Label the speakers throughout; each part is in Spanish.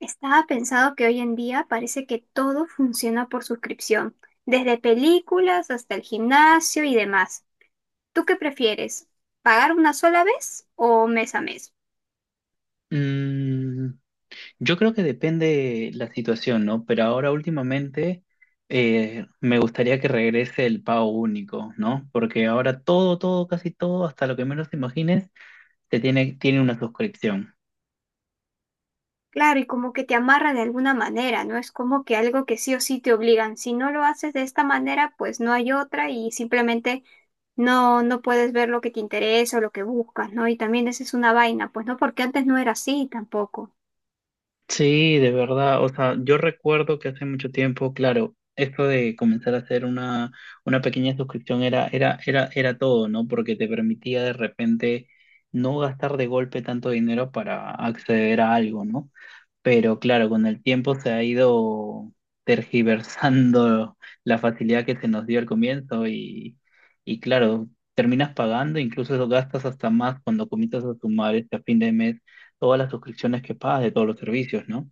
Speaker 1: Estaba pensado que hoy en día parece que todo funciona por suscripción, desde películas hasta el gimnasio y demás. ¿Tú qué prefieres? ¿Pagar una sola vez o mes a mes?
Speaker 2: Mm, yo creo que depende la situación, ¿no? Pero ahora últimamente me gustaría que regrese el pago único, ¿no? Porque ahora todo, casi todo, hasta lo que menos te imagines, te tiene una suscripción.
Speaker 1: Claro, y como que te amarra de alguna manera, no es como que algo que sí o sí te obligan. Si no lo haces de esta manera, pues no hay otra y simplemente no puedes ver lo que te interesa o lo que buscas, ¿no? Y también esa es una vaina, pues no, porque antes no era así tampoco.
Speaker 2: Sí, de verdad. O sea, yo recuerdo que hace mucho tiempo, claro, esto de comenzar a hacer una pequeña suscripción era todo, ¿no? Porque te permitía de repente no gastar de golpe tanto dinero para acceder a algo, ¿no? Pero claro, con el tiempo se ha ido tergiversando la facilidad que se nos dio al comienzo y claro, terminas pagando, incluso eso gastas hasta más cuando comienzas a sumar a fin de mes todas las suscripciones que pagas de todos los servicios, ¿no?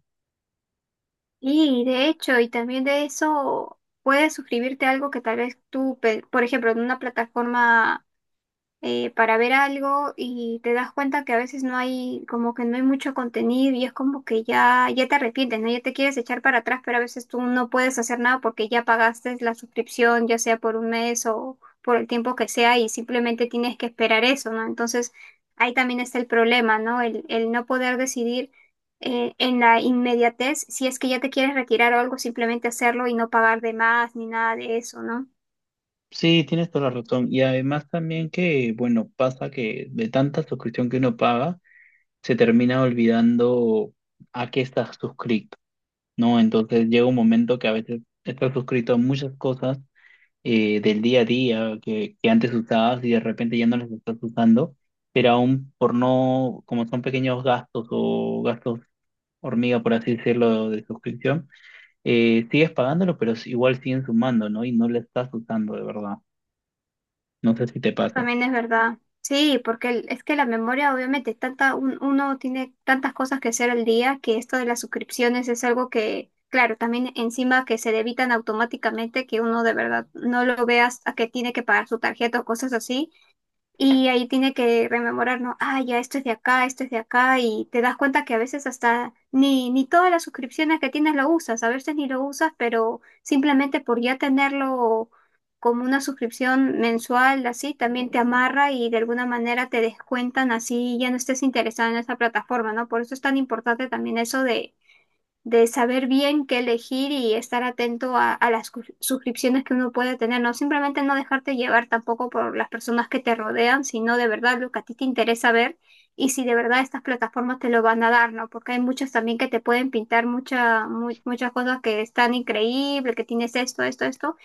Speaker 1: Y de hecho, y también de eso puedes suscribirte a algo que tal vez tú, por ejemplo, en una plataforma para ver algo y te das cuenta que a veces no hay, como que no hay mucho contenido y es como que ya te arrepientes, ¿no? Ya te quieres echar para atrás, pero a veces tú no puedes hacer nada porque ya pagaste la suscripción, ya sea por un mes o por el tiempo que sea y simplemente tienes que esperar eso, ¿no? Entonces ahí también está el problema, ¿no? El no poder decidir. En la inmediatez, si es que ya te quieres retirar o algo, simplemente hacerlo y no pagar de más ni nada de eso, ¿no?
Speaker 2: Sí, tienes toda la razón. Y además también que, bueno, pasa que de tanta suscripción que uno paga, se termina olvidando a qué estás suscrito, ¿no? Entonces llega un momento que a veces estás suscrito a muchas cosas del día a día que antes usabas y de repente ya no los estás usando, pero aún por no, como son pequeños gastos o gastos hormiga, por así decirlo, de suscripción, sigues pagándolo, pero igual siguen sumando, ¿no? Y no lo estás usando de verdad. No sé si te pasa.
Speaker 1: También es verdad. Sí, porque es que la memoria, obviamente, tanta, uno tiene tantas cosas que hacer al día que esto de las suscripciones es algo que, claro, también encima que se debitan automáticamente, que uno de verdad no lo veas a que tiene que pagar su tarjeta o cosas así. Y ahí tiene que rememorar, ¿no? Ah, ya, esto es de acá, esto es de acá, y te das cuenta que a veces hasta ni todas las suscripciones que tienes lo usas, a veces ni lo usas, pero simplemente por ya tenerlo como una suscripción mensual, así, también te amarra y de alguna manera te descuentan así, ya no estés interesado en esa plataforma, ¿no? Por eso es tan importante también eso de saber bien qué elegir y estar atento a las suscripciones que uno puede tener, ¿no? Simplemente no dejarte llevar tampoco por las personas que te rodean, sino de verdad lo que a ti te interesa ver y si de verdad estas plataformas te lo van a dar, ¿no? Porque hay muchas también que te pueden pintar muchas cosas que están increíbles, que tienes esto, esto, esto,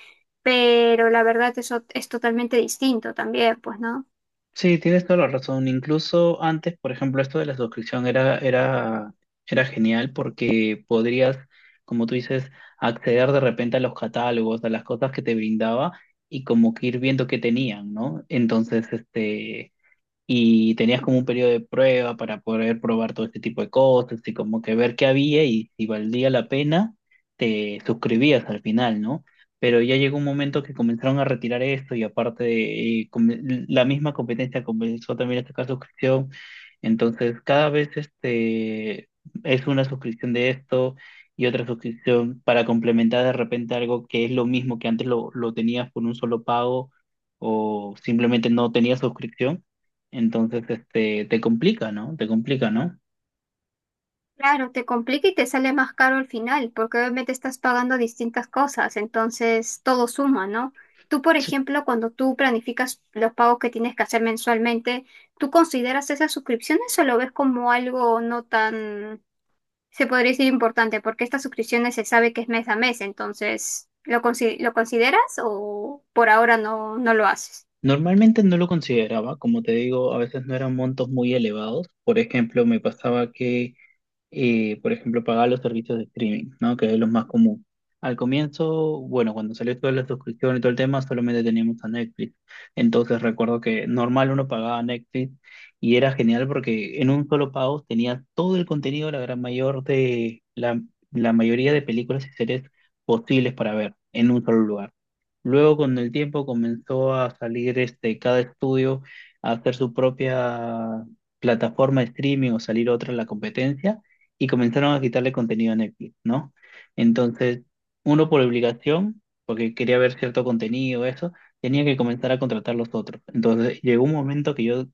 Speaker 1: pero la verdad eso es totalmente distinto también, pues, ¿no?
Speaker 2: Sí, tienes toda la razón. Incluso antes, por ejemplo, esto de la suscripción era genial porque podrías, como tú dices, acceder de repente a los catálogos, a las cosas que te brindaba y como que ir viendo qué tenían, ¿no? Entonces, y tenías como un periodo de prueba para poder probar todo este tipo de cosas y como que ver qué había y si valía la pena, te suscribías al final, ¿no? Pero ya llegó un momento que comenzaron a retirar esto y aparte la misma competencia comenzó también a sacar suscripción. Entonces, cada vez es una suscripción de esto. Y otra suscripción para complementar de repente algo que es lo mismo que antes lo tenías por un solo pago o simplemente no tenías suscripción. Entonces, te complica, ¿no? Te complica, ¿no?
Speaker 1: Claro, te complica y te sale más caro al final, porque obviamente estás pagando distintas cosas, entonces todo suma, ¿no? Tú, por
Speaker 2: Sí.
Speaker 1: ejemplo, cuando tú planificas los pagos que tienes que hacer mensualmente, ¿tú consideras esas suscripciones o lo ves como algo no tan, se podría decir importante? Porque estas suscripciones se sabe que es mes a mes, entonces, lo consideras o por ahora no, no lo haces?
Speaker 2: Normalmente no lo consideraba, como te digo, a veces no eran montos muy elevados. Por ejemplo, me pasaba que por ejemplo, pagar los servicios de streaming, ¿no? Que es lo más común. Al comienzo, bueno, cuando salió toda la suscripción y todo el tema, solamente teníamos a Netflix. Entonces recuerdo que normal uno pagaba Netflix y era genial porque en un solo pago tenía todo el contenido, la gran mayor de la mayoría de películas y series posibles para ver en un solo lugar. Luego con el tiempo comenzó a salir cada estudio a hacer su propia plataforma de streaming o salir otra en la competencia y comenzaron a quitarle contenido a Netflix, ¿no? Entonces, uno por obligación, porque quería ver cierto contenido, eso, tenía que comenzar a contratar los otros. Entonces, llegó un momento que yo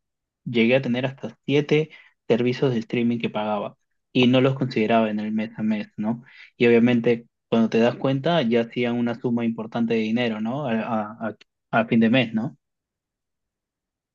Speaker 2: llegué a tener hasta siete servicios de streaming que pagaba y no los consideraba en el mes a mes, ¿no? Y obviamente, cuando te das cuenta, ya hacían una suma importante de dinero, ¿no? A fin de mes, ¿no?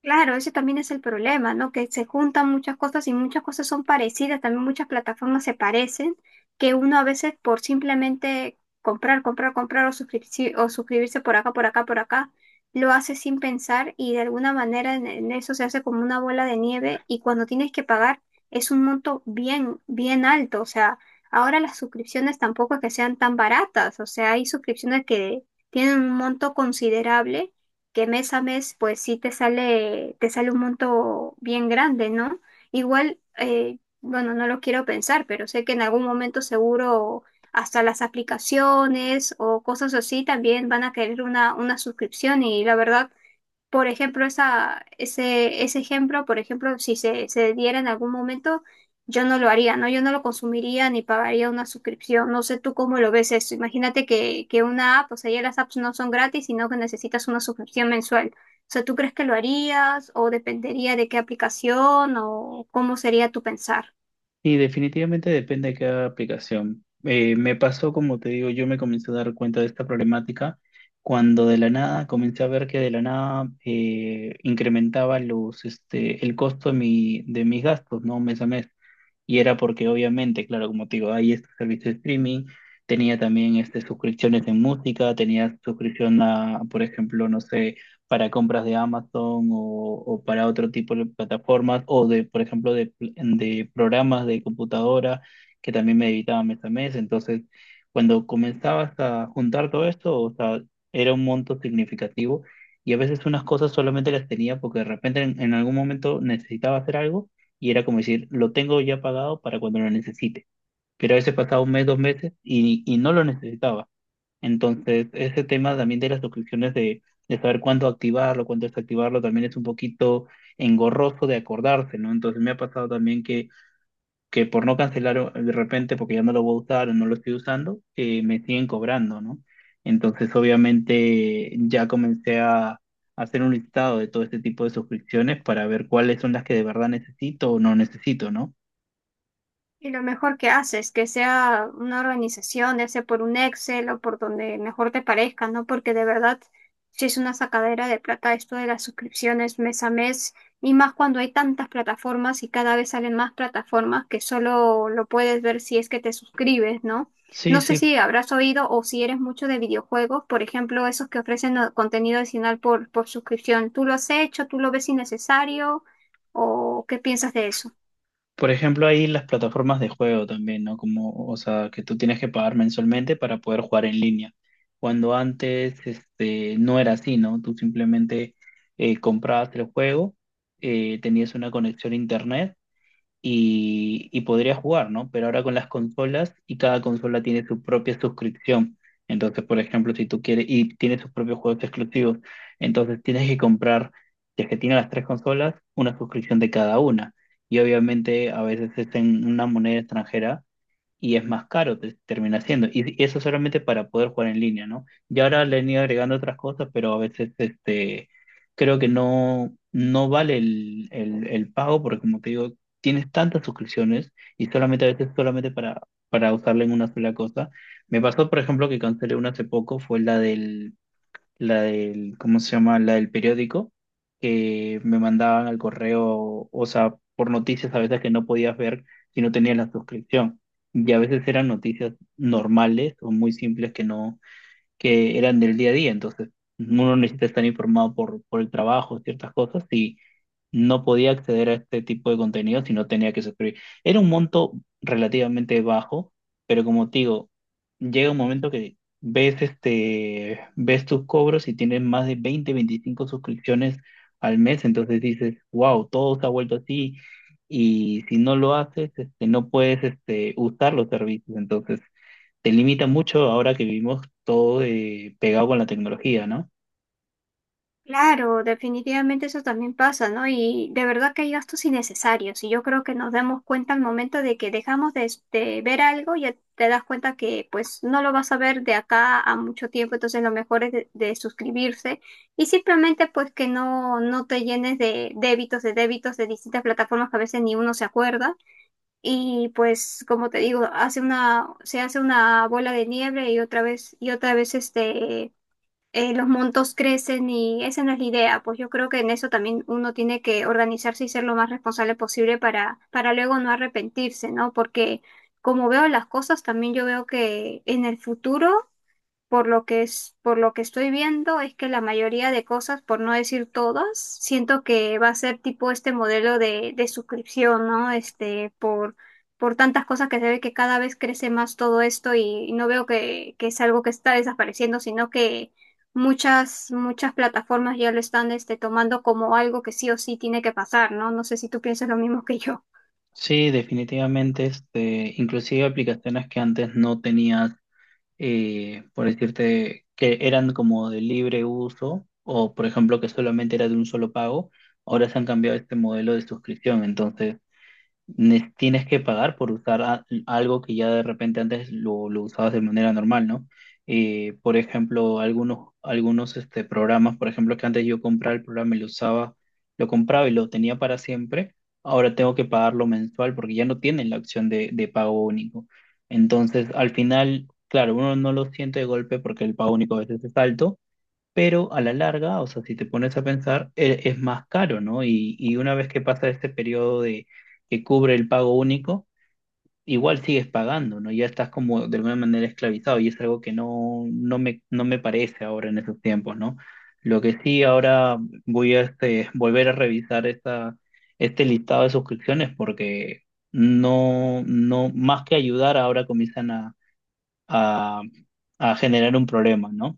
Speaker 1: Claro, ese también es el problema, ¿no? Que se juntan muchas cosas y muchas cosas son parecidas, también muchas plataformas se parecen, que uno a veces por simplemente comprar o, suscribirse por por acá, lo hace sin pensar y de alguna manera en eso se hace como una bola de nieve y cuando tienes que pagar es un monto bien alto, o sea, ahora las suscripciones tampoco es que sean tan baratas, o sea, hay suscripciones que tienen un monto considerable que mes a mes, pues sí te te sale un monto bien grande, ¿no? Igual, bueno, no lo quiero pensar, pero sé que en algún momento seguro hasta las aplicaciones o cosas así también van a querer una suscripción y la verdad por ejemplo, ese ejemplo, por ejemplo, si se diera en algún momento, yo no lo haría, ¿no? Yo no lo consumiría ni pagaría una suscripción. No sé tú cómo lo ves eso. Imagínate que una app, o sea, ya las apps no son gratis, sino que necesitas una suscripción mensual. O sea, ¿tú crees que lo harías o dependería de qué aplicación o cómo sería tu pensar?
Speaker 2: Y definitivamente depende de cada aplicación. Me pasó, como te digo, yo me comencé a dar cuenta de esta problemática cuando de la nada comencé a ver que de la nada incrementaba el costo de mis gastos, ¿no? Mes a mes. Y era porque obviamente, claro, como te digo, hay estos servicios de streaming, tenía también suscripciones en música, tenía suscripción a, por ejemplo, no sé, para compras de Amazon o para otro tipo de plataformas o de, por ejemplo, de programas de computadora que también me editaba mes a mes. Entonces, cuando comenzabas a juntar todo esto, o sea, era un monto significativo y a veces unas cosas solamente las tenía porque de repente en algún momento necesitaba hacer algo y era como decir, lo tengo ya pagado para cuando lo necesite. Pero a veces pasaba un mes, dos meses y no lo necesitaba. Entonces, ese tema también de las suscripciones, de saber cuándo activarlo, cuándo desactivarlo, también es un poquito engorroso de acordarse, ¿no? Entonces, me ha pasado también que por no cancelar de repente, porque ya no lo voy a usar o no lo estoy usando, me siguen cobrando, ¿no? Entonces, obviamente, ya comencé a hacer un listado de todo este tipo de suscripciones para ver cuáles son las que de verdad necesito o no necesito, ¿no?
Speaker 1: Y lo mejor que haces, que sea una organización, ya sea por un Excel o por donde mejor te parezca, ¿no? Porque de verdad, si es una sacadera de plata esto de las suscripciones mes a mes, y más cuando hay tantas plataformas y cada vez salen más plataformas que solo lo puedes ver si es que te suscribes, ¿no?
Speaker 2: Sí,
Speaker 1: No sé
Speaker 2: sí.
Speaker 1: si habrás oído o si eres mucho de videojuegos, por ejemplo, esos que ofrecen contenido adicional por suscripción. ¿Tú lo has hecho? ¿Tú lo ves innecesario? ¿O qué piensas de eso?
Speaker 2: Por ejemplo, ahí las plataformas de juego también, ¿no? Como, o sea, que tú tienes que pagar mensualmente para poder jugar en línea. Cuando antes, no era así, ¿no? Tú simplemente comprabas el juego, tenías una conexión a internet y podría jugar, ¿no? Pero ahora con las consolas y cada consola tiene su propia suscripción. Entonces, por ejemplo, si tú quieres, y tiene sus propios juegos exclusivos, entonces tienes que comprar, si es que tiene las tres consolas, una suscripción de cada una. Y obviamente a veces es en una moneda extranjera y es más caro, te termina siendo. Y eso solamente para poder jugar en línea, ¿no? Y ahora le han ido agregando otras cosas, pero a veces creo que no vale el pago, porque como te digo, tienes tantas suscripciones y solamente a veces solamente para usarla en una sola cosa. Me pasó, por ejemplo, que cancelé una hace poco, fue la del, ¿cómo se llama? La del periódico, que me mandaban al correo, o sea, por noticias a veces que no podías ver si no tenías la suscripción. Y a veces eran noticias normales o muy simples que no que eran del día a día, entonces uno necesita estar informado por el trabajo, ciertas cosas, y no podía acceder a este tipo de contenido si no tenía que suscribir. Era un monto relativamente bajo, pero como te digo, llega un momento que ves, ves tus cobros y tienes más de 20, 25 suscripciones al mes, entonces dices, wow, todo se ha vuelto así. Y si no lo haces, no puedes, usar los servicios. Entonces, te limita mucho ahora que vivimos todo pegado con la tecnología, ¿no?
Speaker 1: Claro, definitivamente eso también pasa, ¿no? Y de verdad que hay gastos innecesarios y yo creo que nos damos cuenta al momento de que dejamos de ver algo y ya te das cuenta que pues no lo vas a ver de acá a mucho tiempo, entonces lo mejor es de suscribirse y simplemente pues que no, no te llenes de débitos, de débitos de distintas plataformas que a veces ni uno se acuerda y pues como te digo, se hace una bola de nieve y otra vez los montos crecen y esa no es la idea. Pues yo creo que en eso también uno tiene que organizarse y ser lo más responsable posible para luego no arrepentirse, ¿no? Porque como veo las cosas, también yo veo que en el futuro por lo que es, por lo que estoy viendo es que la mayoría de cosas, por no decir todas, siento que va a ser tipo este modelo de suscripción, ¿no? Este, por tantas cosas que se ve que cada vez crece más todo esto y, no veo que es algo que está desapareciendo, sino que muchas plataformas ya lo están este, tomando como algo que sí o sí tiene que pasar, ¿no? No sé si tú piensas lo mismo que yo.
Speaker 2: Sí, definitivamente, inclusive aplicaciones que antes no tenías, por decirte, que eran como de libre uso o, por ejemplo, que solamente era de un solo pago, ahora se han cambiado este modelo de suscripción. Entonces, tienes que pagar por usar algo que ya de repente antes lo usabas de manera normal, ¿no? Por ejemplo, algunos programas, por ejemplo, que antes yo compraba el programa y lo usaba, lo compraba y lo tenía para siempre, ahora tengo que pagarlo mensual porque ya no tienen la opción de pago único. Entonces, al final, claro, uno no lo siente de golpe porque el pago único a veces es alto, pero a la larga, o sea, si te pones a pensar, es más caro, ¿no? Y una vez que pasa este periodo de que cubre el pago único, igual sigues pagando, ¿no? Ya estás como de alguna manera esclavizado y es algo que no me parece ahora en esos tiempos, ¿no? Lo que sí ahora voy a volver a revisar este listado de suscripciones porque no, más que ayudar, ahora comienzan a, a generar un problema, ¿no?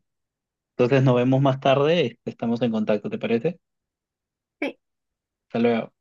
Speaker 2: Entonces nos vemos más tarde, estamos en contacto, ¿te parece? Hasta luego.